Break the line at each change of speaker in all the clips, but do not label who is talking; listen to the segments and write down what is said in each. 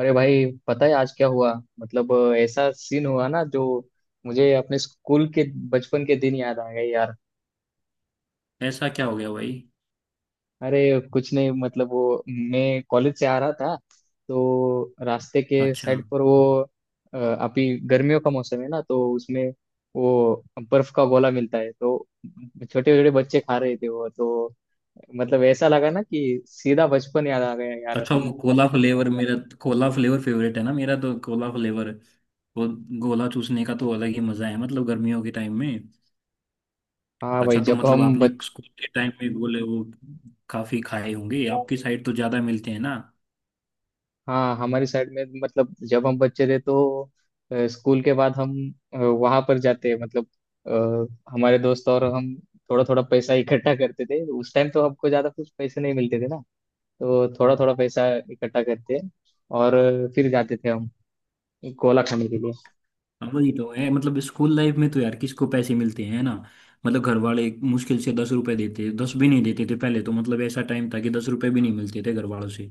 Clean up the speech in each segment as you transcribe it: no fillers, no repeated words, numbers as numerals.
अरे भाई, पता है आज क्या हुआ? मतलब ऐसा सीन हुआ ना, जो मुझे अपने स्कूल के बचपन के दिन याद आ गए यार।
ऐसा क्या हो गया भाई?
अरे कुछ नहीं, मतलब वो मैं कॉलेज से आ रहा था तो रास्ते के
अच्छा।
साइड पर वो अभी गर्मियों का मौसम है ना, तो उसमें वो बर्फ का गोला मिलता है, तो छोटे छोटे बच्चे खा रहे थे। वो तो मतलब ऐसा लगा ना कि सीधा बचपन याद आ गया यार
अच्छा
हम।
वो कोला फ्लेवर मेरा कोला फ्लेवर फेवरेट है ना मेरा, तो कोला फ्लेवर वो गोला चूसने का तो अलग ही मजा है मतलब गर्मियों के टाइम में।
हाँ भाई,
अच्छा तो
जब
मतलब
हम।
आपने स्कूल के टाइम में गोले वो काफी खाए होंगे, आपकी साइड तो ज्यादा मिलते हैं ना।
हाँ, हमारी साइड में, मतलब जब हम बच्चे थे तो स्कूल के बाद हम वहां पर जाते, मतलब हमारे दोस्त और हम थोड़ा थोड़ा पैसा इकट्ठा करते थे उस टाइम। तो हमको ज्यादा कुछ पैसे नहीं मिलते थे ना, तो थोड़ा थोड़ा पैसा इकट्ठा करते और फिर जाते थे हम कोला खाने के लिए।
हाँ, वही तो है मतलब स्कूल लाइफ में तो यार किसको पैसे मिलते हैं ना। मतलब घर वाले मुश्किल से 10 रुपए देते, 10 भी नहीं देते थे पहले। तो मतलब ऐसा टाइम था कि 10 रुपए भी नहीं मिलते थे घर वालों से।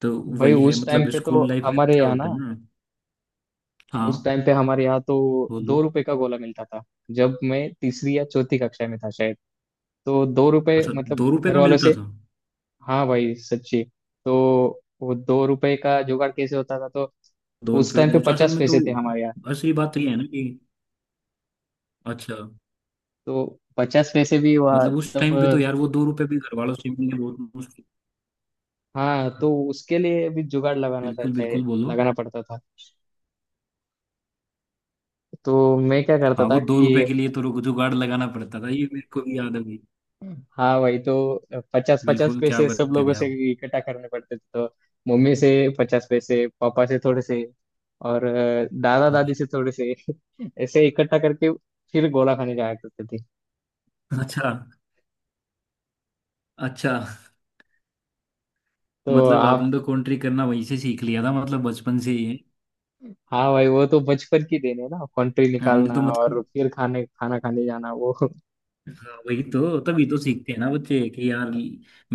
तो
भाई,
वही है
उस टाइम
मतलब
पे तो
स्कूल लाइफ में तो
हमारे
क्या
यहाँ
होता
ना,
है ना।
उस
हाँ।
टाइम पे हमारे यहाँ तो
वो दो।
2 रुपए का गोला मिलता था। जब मैं तीसरी या चौथी कक्षा में था शायद, तो 2 रुपए
अच्छा।
मतलब
2 रुपए
घर
का
वालों
मिलता
से।
था?
हाँ भाई, सच्ची। तो वो 2 रुपए का जुगाड़ कैसे होता था, तो
दो
उस
रुपए
टाइम पे
वो तो असल
पचास
में तो
पैसे थे हमारे यहाँ।
असली बात तो ये है ना कि। अच्छा।
तो 50 पैसे भी हुआ
मतलब उस
तब।
टाइम पे तो यार वो 2 रुपए भी घर वालों से मिलने बहुत मुश्किल।
हाँ, तो उसके लिए भी जुगाड़ लगाना था,
बिल्कुल
चाहे
बिल्कुल बोलो।
लगाना पड़ता था। तो मैं क्या करता
हाँ
था
वो 2 रुपए
कि
के लिए तो जुगाड़ लगाना पड़ता था, ये मेरे को भी याद है भाई।
हाँ भाई, तो पचास पचास
बिल्कुल। क्या
पैसे सब
करते
लोगों
थे
से
आप?
इकट्ठा करने पड़ते थे। तो मम्मी से 50 पैसे, पापा से थोड़े से, और दादा दादी
अच्छा।
से थोड़े से ऐसे इकट्ठा करके फिर गोला खाने जाया करते थे।
अच्छा। अच्छा
तो
मतलब
आप।
आपने तो कंट्री करना वहीं से सीख लिया था, मतलब बचपन से ही है।
हाँ भाई, वो तो बचपन की देन है ना, कंट्री
हमने
निकालना
तो
और
मतलब।
फिर खाने खाना खाने जाना वो।
हाँ, वही तो तभी तो सीखते हैं ना बच्चे कि यार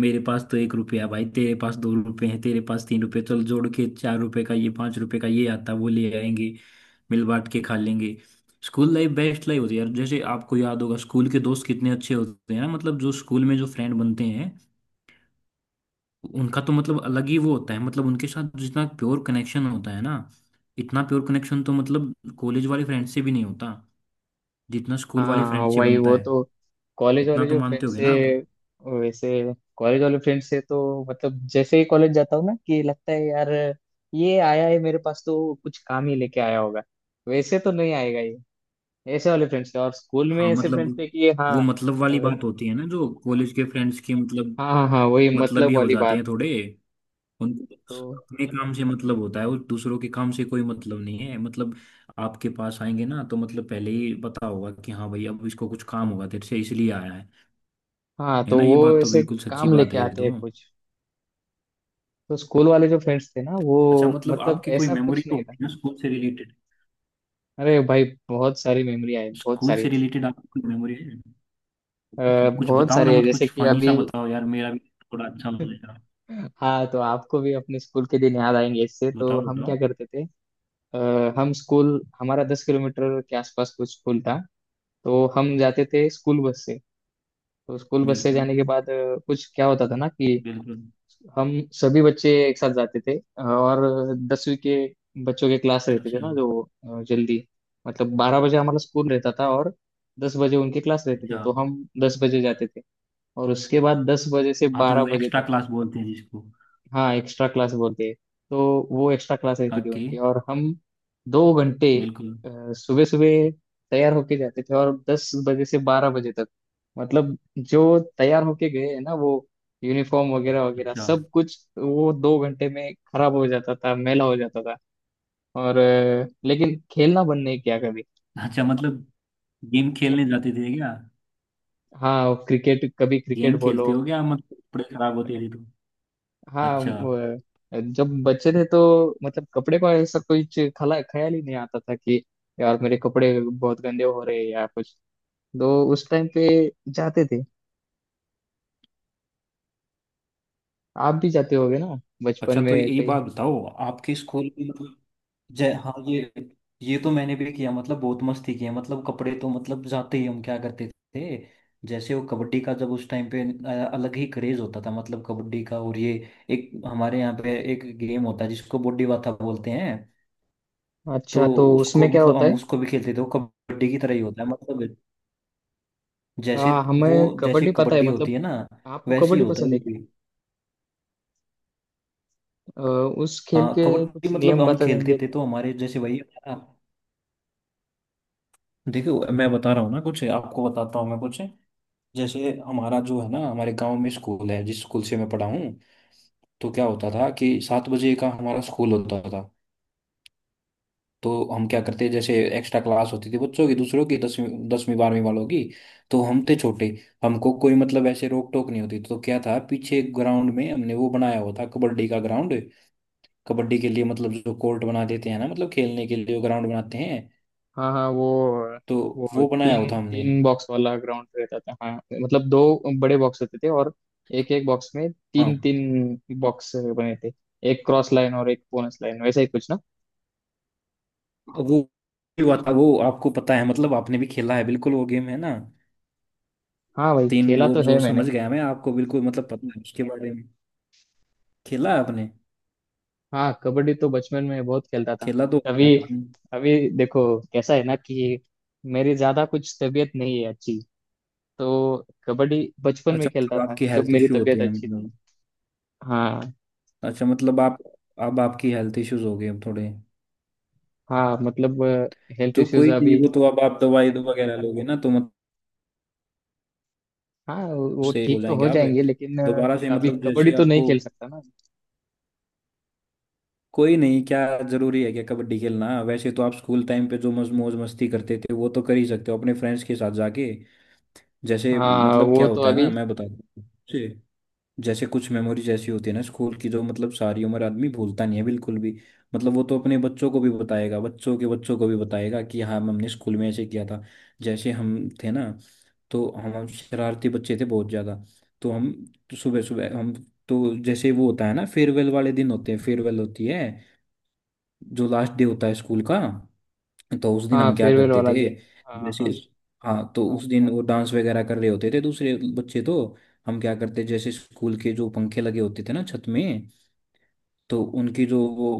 मेरे पास तो 1 रुपया, भाई तेरे पास 2 रुपए हैं, तेरे पास 3 रुपए, चल जोड़ के 4 रुपए का ये 5 रुपए का ये आता, वो ले आएंगे। मिल बांट के खा लेंगे। स्कूल लाइफ बेस्ट लाइफ होती है यार। जैसे आपको याद होगा स्कूल के दोस्त कितने अच्छे होते हैं ना। मतलब जो स्कूल में जो फ्रेंड बनते हैं उनका तो मतलब अलग ही वो होता है। मतलब उनके साथ जितना प्योर कनेक्शन होता है ना, इतना प्योर कनेक्शन तो मतलब कॉलेज वाले फ्रेंड से भी नहीं होता जितना स्कूल वाले
हाँ,
फ्रेंड से
वही
बनता
वो
है।
तो कॉलेज
इतना
वाले
तो
जो
मानते
फ्रेंड
होगे
से,
ना आप।
वैसे कॉलेज वाले फ्रेंड से तो मतलब जैसे ही कॉलेज जाता हूँ ना, कि लगता है यार, ये आया है मेरे पास तो कुछ काम ही लेके आया होगा, वैसे तो नहीं आएगा ये। ऐसे वाले फ्रेंड्स थे, और स्कूल में
हाँ
ऐसे
मतलब
फ्रेंड्स थे कि
वो
हाँ।
मतलब
अ,
वाली बात होती है ना जो कॉलेज के फ्रेंड्स की। मतलब
हाँ हाँ हाँ, वही
मतलब ही
मतलब
हो
वाली
जाते
बात।
हैं थोड़े। उनको
तो
अपने काम से मतलब होता है और दूसरों के काम से कोई मतलब नहीं है। मतलब आपके पास आएंगे ना तो मतलब पहले ही पता होगा कि हाँ भाई अब इसको कुछ काम होगा तेरे से, इसलिए आया है।
हाँ,
है
तो
ना, ये
वो
बात तो
ऐसे
बिल्कुल सच्ची
काम
बात
लेके
है ये
आते हैं
तो।
कुछ। तो स्कूल वाले जो फ्रेंड्स थे ना वो
अच्छा, मतलब
मतलब
आपकी कोई
ऐसा
मेमोरी
कुछ
तो
नहीं था।
होगी ना स्कूल से रिलेटेड?
अरे भाई, बहुत सारी मेमोरी आई, बहुत
स्कूल
सारी।
से रिलेटेड आपकी कोई मेमोरी है? कुछ कुछ
बहुत
बताओ ना,
सारी है,
मत
जैसे
कुछ
कि
फनी सा
अभी
बताओ यार। मेरा भी थोड़ा अच्छा हो जाएगा।
हाँ, तो आपको भी अपने स्कूल के दिन याद आएंगे इससे। तो
बताओ
हम
बताओ।
क्या करते थे? हम स्कूल, हमारा 10 किलोमीटर के आसपास कुछ स्कूल था, तो हम जाते थे स्कूल बस से। तो स्कूल बस से
बिल्कुल।
जाने के बाद कुछ क्या होता था ना कि
बिल्कुल।
हम सभी बच्चे एक साथ जाते थे, और 10वीं के बच्चों के क्लास रहते थे
अच्छा।
ना, जो जल्दी, मतलब 12 बजे हमारा स्कूल रहता था, और 10 बजे उनके क्लास रहते थे,
अच्छा।
तो हम 10 बजे जाते थे, और उसके बाद 10 बजे से
हाँ तो
बारह
वो
बजे
एक्स्ट्रा
तक
क्लास बोलते हैं जिसको।
हाँ एक्स्ट्रा क्लास बोलते हैं। तो वो एक्स्ट्रा क्लास रहती थी
ओके।
उनकी, और हम 2 घंटे
बिल्कुल।
सुबह सुबह तैयार होके जाते थे, और 10 बजे से 12 बजे तक मतलब जो तैयार होके गए हैं ना, वो यूनिफॉर्म वगैरह वगैरह
अच्छा।
सब कुछ वो 2 घंटे में खराब हो जाता था, मैला हो जाता था। और लेकिन खेलना बंद नहीं किया कभी।
अच्छा मतलब गेम खेलने जाते थे क्या?
हाँ क्रिकेट, कभी क्रिकेट
गेम
बोलो।
खेलते हो क्या, मतलब कपड़े खराब होते थे तो?
हाँ
अच्छा।
वो, जब बच्चे थे तो मतलब कपड़े को ऐसा कुछ खला ख्याल ही नहीं आता था कि यार मेरे कपड़े बहुत गंदे हो रहे हैं या कुछ। तो उस टाइम पे जाते थे, आप भी जाते होगे ना बचपन
अच्छा
में
तो ये
कहीं।
बात बताओ आपके स्कूल में मतलब। जय हाँ, ये तो मैंने भी किया। मतलब बहुत मस्ती की है। मतलब कपड़े तो मतलब जाते ही हम क्या करते थे, जैसे वो कबड्डी का जब उस टाइम पे अलग ही क्रेज होता था मतलब कबड्डी का। और ये एक हमारे यहाँ पे एक गेम होता है जिसको बॉडी बाता बोलते हैं। तो
अच्छा, तो उसमें
उसको
क्या
मतलब
होता
हम
है?
उसको भी खेलते थे। वो कबड्डी की तरह ही होता है मतलब। जैसे वो,
हमें
जैसे
कबड्डी पता है
कबड्डी
मतलब।
होती है ना
आपको
वैसे ही
कबड्डी
होता है
पसंद
वो
है क्या?
भी।
आ, उस खेल
हाँ
के
कबड्डी
कुछ
मतलब
नियम
हम
बता
खेलते
देंगे।
थे तो हमारे जैसे वही देखो मैं बता रहा हूँ ना कुछ। आपको बताता हूँ मैं कुछ। जैसे हमारा जो है ना हमारे गांव में स्कूल है जिस स्कूल से मैं पढ़ा हूँ, तो क्या होता था कि 7 बजे का हमारा स्कूल होता था। तो हम क्या करते, जैसे एक्स्ट्रा क्लास होती थी बच्चों की दूसरों की, 10वीं 10वीं 12वीं वालों की। तो हम थे छोटे। हमको कोई मतलब ऐसे रोक टोक नहीं होती, तो क्या था पीछे ग्राउंड में हमने वो बनाया हुआ था, कबड्डी का ग्राउंड। कबड्डी के लिए मतलब जो कोर्ट बना देते हैं ना मतलब खेलने के लिए ग्राउंड बनाते हैं।
हाँ हाँ,
तो
वो
वो बनाया हुआ
तीन
था हमने।
तीन बॉक्स वाला ग्राउंड रहता था हाँ, मतलब दो बड़े बॉक्स होते थे और एक एक बॉक्स में
हाँ
तीन तीन बॉक्स बने थे, एक क्रॉस लाइन और एक बोनस लाइन, वैसा ही कुछ ना।
वो हुआ था वो। आपको पता है मतलब आपने भी खेला है, बिल्कुल वो गेम है ना।
हाँ भाई,
तीन
खेला
वो
तो है
जो
मैंने।
समझ गया मैं। आपको बिल्कुल मतलब पता है उसके बारे में। खेला है आपने?
हाँ, कबड्डी तो बचपन में बहुत खेलता था।
खेला तो है
अभी,
यार आपने।
अभी देखो कैसा है ना कि मेरी ज्यादा कुछ तबीयत नहीं है अच्छी। तो कबड्डी बचपन में
अच्छा
खेलता
मतलब
था
आपकी
जब
हेल्थ
मेरी
इश्यू
तबीयत
होते हैं
अच्छी थी।
मतलब?
हाँ।
अच्छा मतलब आप, अब आपकी हेल्थ इश्यूज हो गए अब थोड़े?
हाँ मतलब, हेल्थ
तो
इश्यूज
कोई नहीं,
अभी।
वो तो अब आप दवाई दो वगैरह लोगे ना तो मतलब
हाँ वो
उससे हो
ठीक तो
जाएंगे
हो
आप।
जाएंगे, लेकिन
दोबारा से
अभी
मतलब
कबड्डी
जैसे
तो नहीं
आपको।
खेल सकता ना।
कोई नहीं। क्या जरूरी है क्या कबड्डी खेलना? वैसे तो आप स्कूल टाइम पे जो मज मौज मस्ती करते थे वो तो कर ही सकते हो अपने फ्रेंड्स के साथ जाके। जैसे,
हाँ
मतलब
वो
क्या
तो
होता है ना
अभी।
मैं बताता हूँ। जैसे कुछ मेमोरीज ऐसी होती है ना स्कूल की जो मतलब सारी उम्र आदमी भूलता नहीं है बिल्कुल भी। मतलब वो तो अपने बच्चों को भी बताएगा, बच्चों के बच्चों को भी बताएगा कि हाँ हमने स्कूल में ऐसे किया था। जैसे हम थे ना, तो हम शरारती बच्चे थे बहुत ज़्यादा। तो हम सुबह सुबह हम, तो जैसे वो होता है ना फेयरवेल वाले दिन होते हैं, फेयरवेल होती है जो लास्ट डे होता है स्कूल का। तो उस दिन
हाँ
हम क्या
फेयरवेल
करते
वाला
थे?
दिन। हाँ
जैसे,
हाँ।
हाँ तो उस दिन वो डांस वगैरह कर रहे होते थे दूसरे बच्चे। तो हम क्या करते, जैसे स्कूल के जो पंखे लगे होते थे ना छत में, तो उनकी जो वो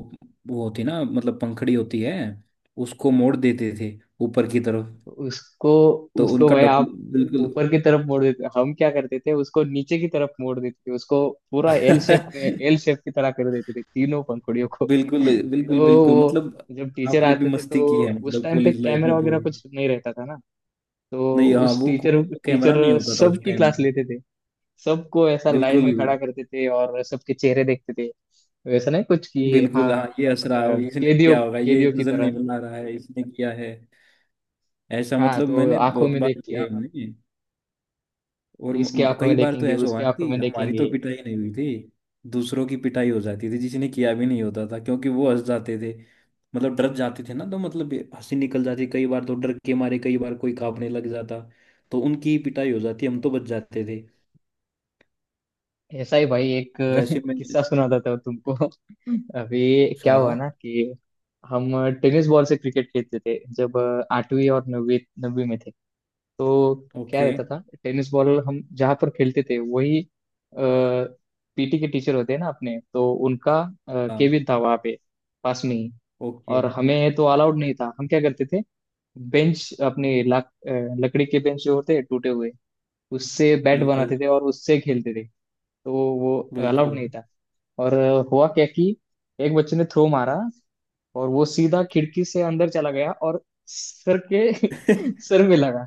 वो होती ना मतलब पंखड़ी होती है, उसको मोड़ देते थे ऊपर की
तो
तरफ,
उसको
तो
उसको
उनका
भाई
डबल।
आप
बिल्कुल।
ऊपर की तरफ मोड़ देते, हम क्या करते थे, उसको नीचे की तरफ मोड़ देते थे उसको, पूरा एल शेप में, एल शेप की तरह कर देते थे तीनों पंखुड़ियों को।
बिल्कुल। बिल्कुल।
तो
बिल्कुल।
वो,
मतलब
जब टीचर
आपने भी
आते थे
मस्ती की है
तो उस
मतलब
टाइम पे
कॉलेज लाइफ में
कैमरा वगैरह
पूरी।
कुछ नहीं रहता था ना। तो
नहीं, हाँ
उस
वो
टीचर
कैमरा
टीचर
नहीं होता था उस
सबकी
टाइम।
क्लास लेते थे, सबको ऐसा लाइन
बिल्कुल।
में खड़ा करते थे और सबके चेहरे देखते थे। वैसा नहीं कुछ कि
बिल्कुल।
हाँ।
हाँ ये असरा इसने
कैदियों
किया होगा, ये
कैदियों की
नजर
तरह।
नहीं बना रहा है इसने किया है। ऐसा
हाँ
मतलब
तो
मैंने
आंखों
बहुत
में देख
बार किया
के,
हमने। और
इसके आंखों
कई
में
बार तो
देखेंगे,
ऐसा
उसके
हुआ ना
आंखों
कि
में
हमारी तो
देखेंगे।
पिटाई नहीं हुई थी। दूसरों की पिटाई हो जाती थी जिसने किया भी नहीं होता था, क्योंकि वो हंस जाते थे। मतलब डर जाते थे ना तो मतलब ये हंसी निकल जाती कई बार, तो डर के मारे कई बार कोई कांपने लग जाता तो उनकी ही पिटाई हो जाती, हम तो बच जाते थे।
ऐसा ही भाई, एक
वैसे मैं।
किस्सा सुनाता था तुमको। अभी क्या
सुनाओ।
हुआ ना कि हम टेनिस बॉल से क्रिकेट खेलते थे, जब आठवीं और नवीं नवीं में थे तो, क्या
ओके।
रहता था, टेनिस बॉल हम जहाँ पर खेलते थे वही पीटी के टीचर होते हैं ना अपने, तो उनका
हाँ।
केबिन था वहाँ पे, पास में ही।
ओके।
और हमें तो अलाउड नहीं था। हम क्या करते थे, बेंच अपने लकड़ी के बेंच जो होते हैं टूटे हुए, उससे बैट
बिल्कुल।
बनाते थे और उससे खेलते थे। तो वो अलाउड
बिल्कुल।
नहीं था। और हुआ क्या कि एक बच्चे ने थ्रो मारा, और वो सीधा खिड़की से अंदर चला गया और सर के सर में लगा।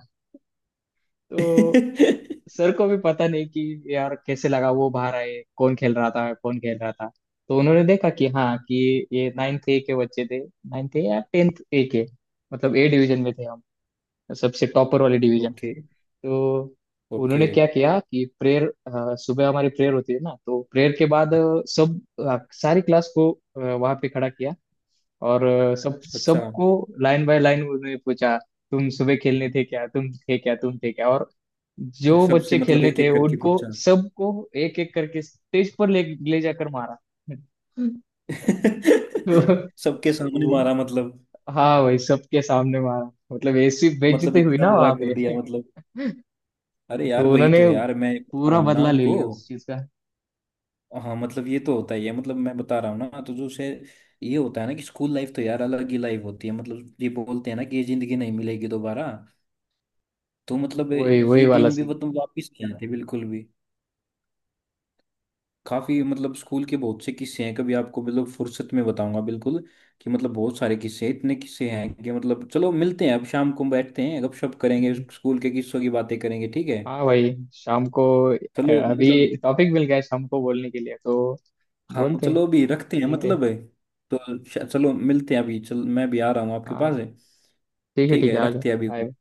तो सर को भी पता नहीं कि यार कैसे लगा। वो बाहर आए, कौन खेल रहा था, कौन खेल रहा था। तो उन्होंने देखा कि हाँ, कि ये नाइन्थ ए के बच्चे थे, नाइन्थ ए या टेंथ ए के, मतलब ए डिवीजन में थे हम, सबसे टॉपर वाले डिवीजन।
ओके।
तो
ओके।
उन्होंने क्या किया कि प्रेयर, सुबह हमारी प्रेयर होती है ना, तो प्रेयर के बाद सारी क्लास को वहां पे खड़ा किया। और सब
अच्छा।
सबको लाइन बाय लाइन उन्होंने पूछा, तुम सुबह खेलने थे क्या, तुम थे क्या, तुम थे क्या। और जो
सबसे
बच्चे
मतलब
खेलने
एक
थे
एक करके
उनको
पूछा?
सबको एक एक करके स्टेज पर ले ले जाकर मारा। तो,
सबके सामने
वो,
मारा मतलब?
हाँ भाई, सबके सामने मारा, मतलब ऐसी
मतलब
बेइज्जती हुई
इतना
ना
बुरा
वहां
कर
पे।
दिया मतलब। अरे यार
तो
वही
उन्होंने
तो, यार मैं बता
पूरा
रहा हूँ ना
बदला ले
आपको।
लिया उस चीज का।
हाँ मतलब ये तो होता ही है मतलब मैं बता रहा हूँ ना, तो जो से ये होता है ना कि स्कूल लाइफ तो यार अलग ही लाइफ होती है। मतलब ये बोलते हैं ना कि ये जिंदगी नहीं मिलेगी दोबारा। तो मतलब
वही, वही
ये
वाला
दिन भी
सीन।
मतलब वापिस नहीं आते बिल्कुल। काफ़ी मतलब स्कूल के बहुत से किस्से हैं, कभी आपको मतलब फुर्सत में बताऊंगा बिल्कुल। कि मतलब बहुत सारे किस्से हैं, इतने किस्से हैं कि मतलब, चलो मिलते हैं अब शाम को, बैठते हैं गपशप करेंगे,
हम्म,
स्कूल के किस्सों की बातें करेंगे, ठीक है?
हाँ भाई, शाम को
चलो मतलब।
अभी टॉपिक मिल गया है शाम को बोलने के लिए। तो
हाँ
बोलते हैं,
चलो अभी रखते हैं
मिलते हैं।
मतलब, है तो। चलो मिलते हैं अभी, चल मैं भी आ रहा हूँ आपके पास
हाँ
है।
ठीक है,
ठीक
ठीक
है,
है आ जाओ।
रखते हैं अभी।
Bye.